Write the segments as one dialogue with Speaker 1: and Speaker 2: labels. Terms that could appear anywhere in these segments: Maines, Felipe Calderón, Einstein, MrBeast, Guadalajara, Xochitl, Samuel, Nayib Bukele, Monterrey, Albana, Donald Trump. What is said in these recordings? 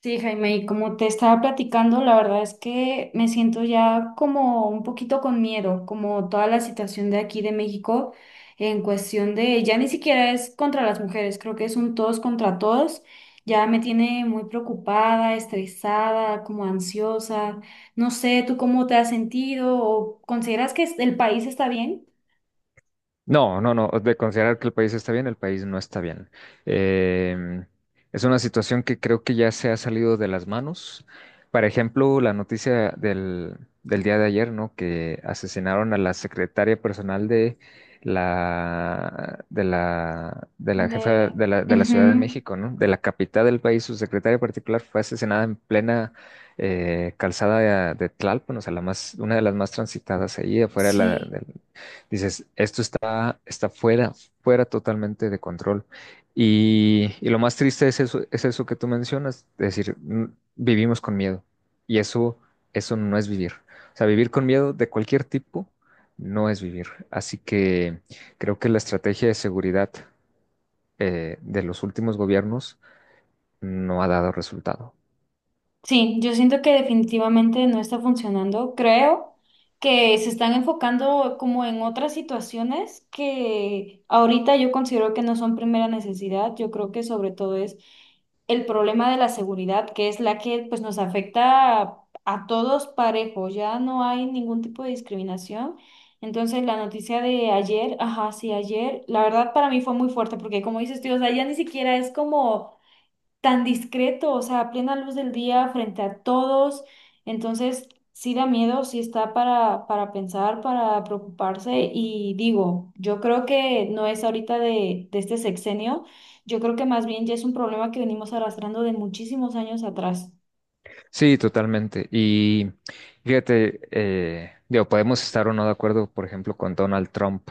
Speaker 1: Sí, Jaime, y como te estaba platicando, la verdad es que me siento ya como un poquito con miedo, como toda la situación de aquí de México en cuestión de, ya ni siquiera es contra las mujeres, creo que es un todos contra todos, ya me tiene muy preocupada, estresada, como ansiosa, no sé, ¿tú cómo te has sentido o consideras que el país está bien?
Speaker 2: No, no, no, de considerar que el país está bien, el país no está bien. Em, es una situación que creo que ya se ha salido de las manos. Por ejemplo, la noticia del día de ayer, ¿no? Que asesinaron a la secretaria personal de la
Speaker 1: De...
Speaker 2: jefa de la Ciudad de
Speaker 1: Ujú,
Speaker 2: México, ¿no? De la capital del país, su secretaria particular fue asesinada en plena calzada de Tlalpan, o sea, una de las más transitadas ahí afuera
Speaker 1: sí.
Speaker 2: dices, esto está fuera totalmente de control. Y lo más triste es eso, que tú mencionas, es decir, vivimos con miedo. Y eso no es vivir. O sea, vivir con miedo de cualquier tipo no es vivir. Así que creo que la estrategia de seguridad de los últimos gobiernos no ha dado resultado.
Speaker 1: Sí, yo siento que definitivamente no está funcionando. Creo que se están enfocando como en otras situaciones que ahorita yo considero que no son primera necesidad. Yo creo que sobre todo es el problema de la seguridad, que es la que pues nos afecta a todos parejos. Ya no hay ningún tipo de discriminación. Entonces la noticia de ayer, ajá, sí, ayer, la verdad para mí fue muy fuerte porque como dices tú, o sea, ya ni siquiera es como tan discreto, o sea, a plena luz del día, frente a todos. Entonces, sí da miedo, sí está para pensar, para preocuparse. Y digo, yo creo que no es ahorita de este sexenio, yo creo que más bien ya es un problema que venimos arrastrando de muchísimos años atrás.
Speaker 2: Sí, totalmente. Y fíjate, digo, podemos estar o no de acuerdo, por ejemplo, con Donald Trump,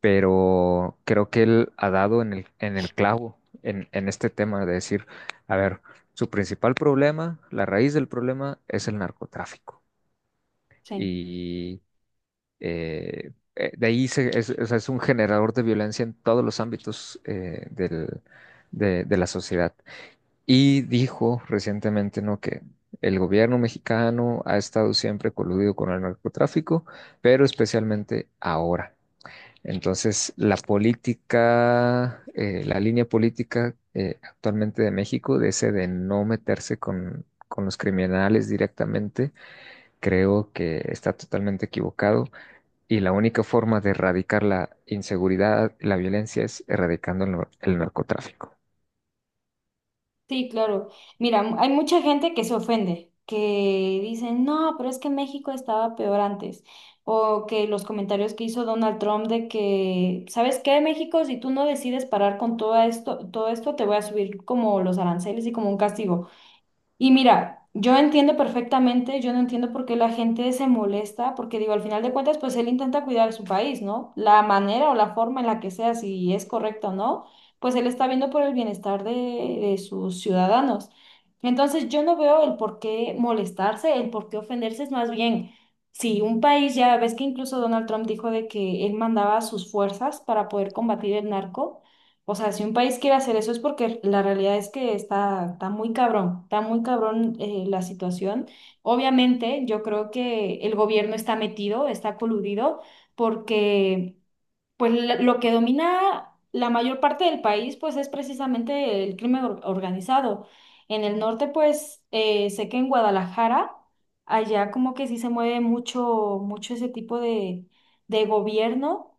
Speaker 2: pero creo que él ha dado en el clavo en este tema de decir, a ver, su principal problema, la raíz del problema es el narcotráfico.
Speaker 1: Sí.
Speaker 2: Y de ahí es, o sea, es un generador de violencia en todos los ámbitos de la sociedad. Y dijo recientemente, ¿no?, que el gobierno mexicano ha estado siempre coludido con el narcotráfico, pero especialmente ahora. Entonces, la línea política actualmente de México, de ese de no meterse con los criminales directamente, creo que está totalmente equivocado y la única forma de erradicar la inseguridad, la violencia, es erradicando el narcotráfico.
Speaker 1: Sí, claro. Mira, hay mucha gente que se ofende, que dicen, no, pero es que México estaba peor antes. O que los comentarios que hizo Donald Trump de que, ¿sabes qué, México? Si tú no decides parar con todo esto, te voy a subir como los aranceles y como un castigo. Y mira, yo entiendo perfectamente, yo no entiendo por qué la gente se molesta, porque digo, al final de cuentas, pues él intenta cuidar su país, ¿no? La manera o la forma en la que sea, si es correcto o no, pues él está viendo por el bienestar de sus ciudadanos. Entonces, yo no veo el por qué molestarse, el por qué ofenderse, es más bien, si un país ya, ves que incluso Donald Trump dijo de que él mandaba sus fuerzas para poder combatir el narco. O sea, si un país quiere hacer eso es porque la realidad es que está muy cabrón, está muy cabrón la situación. Obviamente, yo creo que el gobierno está metido, está coludido, porque pues lo que domina la mayor parte del país pues es precisamente el crimen organizado. En el norte pues sé que en Guadalajara, allá como que sí se mueve mucho, mucho ese tipo de gobierno.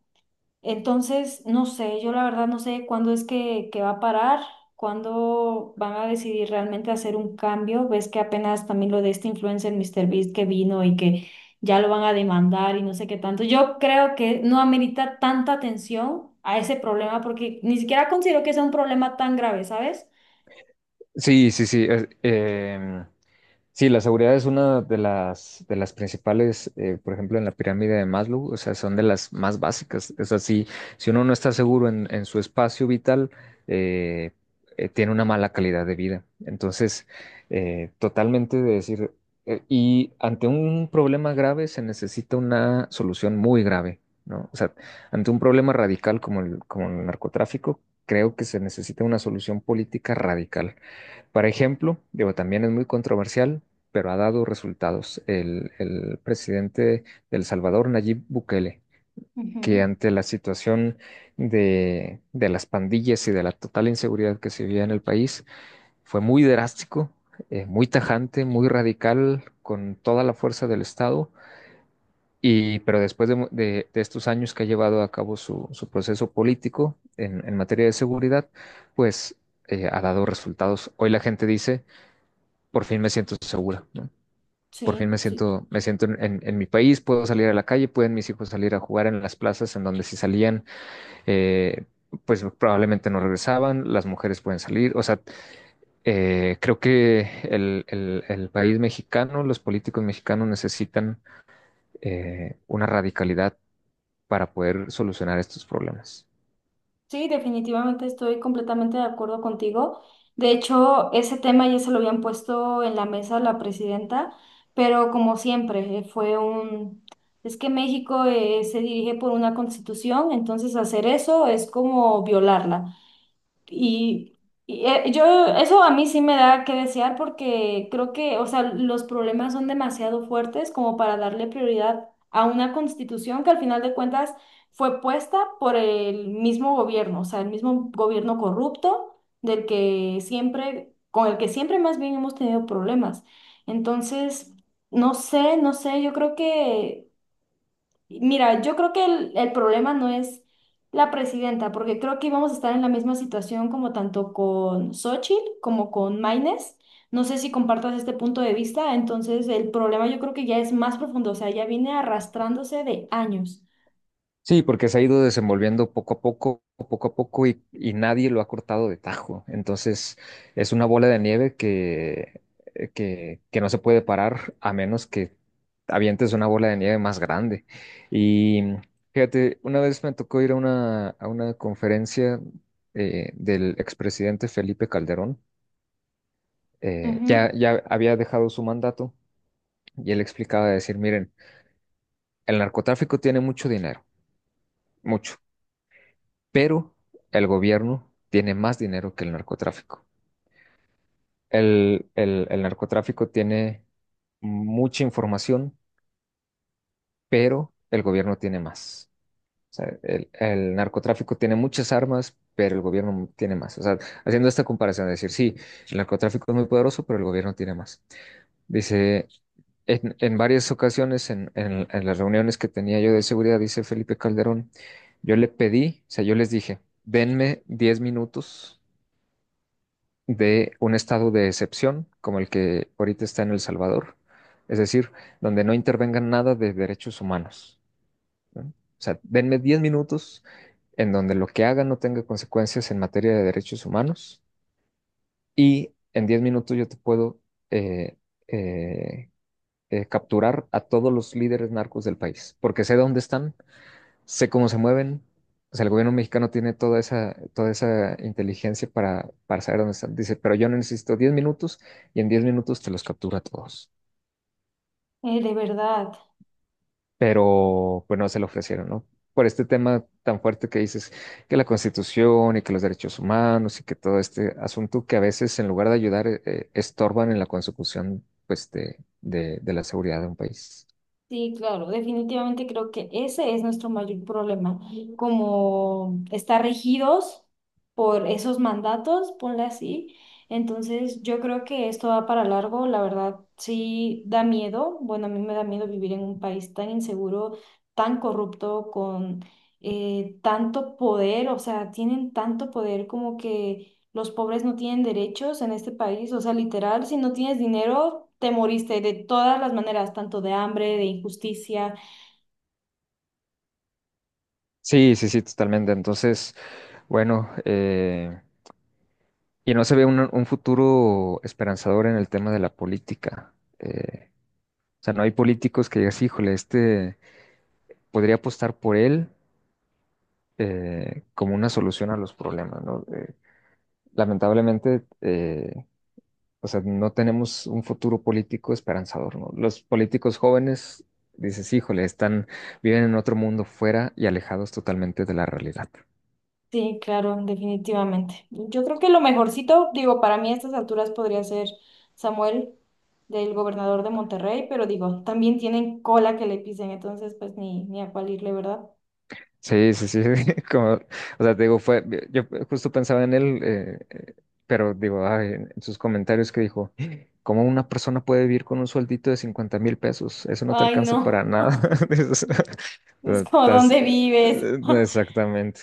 Speaker 1: Entonces, no sé, yo la verdad no sé cuándo es que, va a parar, cuándo van a decidir realmente hacer un cambio. Ves que apenas también lo de este influencer míster Beast que vino y que ya lo van a demandar y no sé qué tanto. Yo creo que no amerita tanta atención a ese problema porque ni siquiera considero que sea un problema tan grave, ¿sabes?
Speaker 2: Sí, sí, sí. Sí, la seguridad es una de las principales, por ejemplo, en la pirámide de Maslow, o sea, son de las más básicas. Es así, si uno no está seguro en su espacio vital, eh, tiene una mala calidad de vida. Entonces, totalmente de decir, y ante un problema grave se necesita una solución muy grave, ¿no? O sea, ante un problema radical como el narcotráfico, creo que se necesita una solución política radical, por ejemplo, digo, también es muy controversial, pero ha dado resultados. El presidente de El Salvador, Nayib Bukele, que
Speaker 1: Ujú.
Speaker 2: ante la situación de las pandillas y de la total inseguridad que se vivía en el país, fue muy drástico, muy tajante, muy radical, con toda la fuerza del Estado. Y, pero después de estos años que ha llevado a cabo su proceso político en materia de seguridad, pues ha dado resultados. Hoy la gente dice: por fin me siento segura, ¿no? Por fin
Speaker 1: Sí,
Speaker 2: me
Speaker 1: sí,
Speaker 2: siento, me siento en mi país, puedo salir a la calle, pueden mis hijos salir a jugar en las plazas en donde, si salían, eh, pues probablemente no regresaban, las mujeres pueden salir. O sea, creo que el país mexicano, los políticos mexicanos necesitan una radicalidad para poder solucionar estos problemas.
Speaker 1: sí, definitivamente estoy completamente de acuerdo contigo. De hecho, ese tema ya se lo habían puesto en la mesa la presidenta, pero como siempre. Es que México se dirige por una constitución, entonces hacer eso es como violarla. Y, Eso a mí sí me da que desear porque creo que, o sea, los problemas son demasiado fuertes como para darle prioridad a una constitución que al final de cuentas fue puesta por el mismo gobierno, o sea, el mismo gobierno corrupto del que siempre, con el que siempre más bien hemos tenido problemas. Entonces, no sé, no sé. Yo creo que Mira, yo creo que el problema no es la presidenta, porque creo que íbamos a estar en la misma situación como tanto con Xochitl como con Maines. No sé si compartas este punto de vista, entonces el problema yo creo que ya es más profundo, o sea, ya viene arrastrándose de años.
Speaker 2: Sí, porque se ha ido desenvolviendo poco a poco, y nadie lo ha cortado de tajo. Entonces, es una bola de nieve que no se puede parar a menos que avientes una bola de nieve más grande. Y fíjate, una vez me tocó ir a a una conferencia del expresidente Felipe Calderón. Eh,
Speaker 1: Ujú.
Speaker 2: ya, ya había dejado su mandato y él explicaba de decir: miren, el narcotráfico tiene mucho dinero, mucho, pero el gobierno tiene más dinero que el narcotráfico. El narcotráfico tiene mucha información, pero el gobierno tiene más. O sea, el narcotráfico tiene muchas armas, pero el gobierno tiene más. O sea, haciendo esta comparación, de decir, sí, el narcotráfico es muy poderoso, pero el gobierno tiene más. Dice, en varias ocasiones, en las reuniones que tenía yo de seguridad, dice Felipe Calderón, yo le pedí, o sea, yo les dije: denme 10 minutos de un estado de excepción como el que ahorita está en El Salvador, es decir, donde no intervengan nada de derechos humanos, ¿no? O sea, denme 10 minutos en donde lo que haga no tenga consecuencias en materia de derechos humanos y en 10 minutos yo te puedo eh, eh, capturar a todos los líderes narcos del país, porque sé dónde están, sé cómo se mueven. O sea, el gobierno mexicano tiene toda esa inteligencia para saber dónde están. Dice, pero yo necesito 10 minutos y en 10 minutos te los captura a todos.
Speaker 1: De verdad.
Speaker 2: Pero pues no se lo ofrecieron, ¿no? Por este tema tan fuerte que dices, que la Constitución y que los derechos humanos y que todo este asunto que a veces en lugar de ayudar estorban en la consecución pues de la seguridad de un país.
Speaker 1: Sí, claro, definitivamente creo que ese es nuestro mayor problema, como estar regidos por esos mandatos, ponle así. Entonces, yo creo que esto va para largo, la verdad, sí da miedo. Bueno, a mí me da miedo vivir en un país tan inseguro, tan corrupto, con tanto poder, o sea, tienen tanto poder como que los pobres no tienen derechos en este país, o sea, literal, si no tienes dinero, te moriste de todas las maneras, tanto de hambre, de injusticia.
Speaker 2: Sí, sí, sí, totalmente. Entonces, bueno, y no se ve un futuro esperanzador en el tema de la política. Eh, o sea, no hay políticos que digas, híjole, este podría apostar por él, como una solución a los problemas, ¿no? Lamentablemente, o sea, no tenemos un futuro político esperanzador, ¿no? Los políticos jóvenes, dices, híjole, viven en otro mundo fuera y alejados totalmente de la realidad.
Speaker 1: Sí, claro, definitivamente. Yo creo que lo mejorcito, digo, para mí a estas alturas podría ser Samuel, del gobernador de Monterrey, pero digo, también tienen cola que le pisen, entonces pues ni a cuál irle, ¿verdad?
Speaker 2: Sí, sí, sí, como, o sea, te digo, yo justo pensaba en él, pero digo, ay, en sus comentarios que dijo, ¿cómo una persona puede vivir con un sueldito de 50,000 pesos? Eso no te
Speaker 1: Ay,
Speaker 2: alcanza para
Speaker 1: no,
Speaker 2: nada. Dices,
Speaker 1: es como, ¿dónde vives?
Speaker 2: exactamente.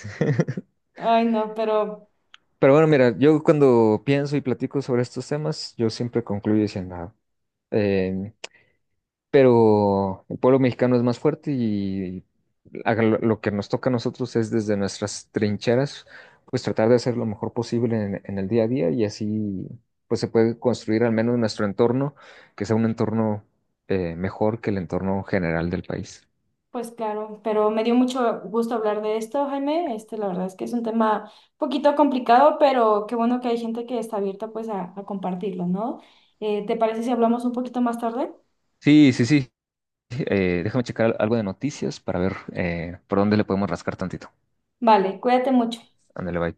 Speaker 1: Ay, no,
Speaker 2: Pero bueno, mira, yo cuando pienso y platico sobre estos temas, yo siempre concluyo diciendo: nada, pero el pueblo mexicano es más fuerte y haga lo que nos toca a nosotros es desde nuestras trincheras, pues tratar de hacer lo mejor posible en el día a día y así pues se puede construir al menos nuestro entorno, que sea un entorno mejor que el entorno general del país.
Speaker 1: Pues claro, pero me dio mucho gusto hablar de esto, Jaime. Este, la verdad es que es un tema un poquito complicado, pero qué bueno que hay gente que está abierta pues a compartirlo, ¿no? ¿Te parece si hablamos un poquito más tarde?
Speaker 2: Sí, sí, sí. Déjame checar algo de noticias para ver por dónde le podemos rascar tantito.
Speaker 1: Vale, cuídate mucho.
Speaker 2: Ándale, bye.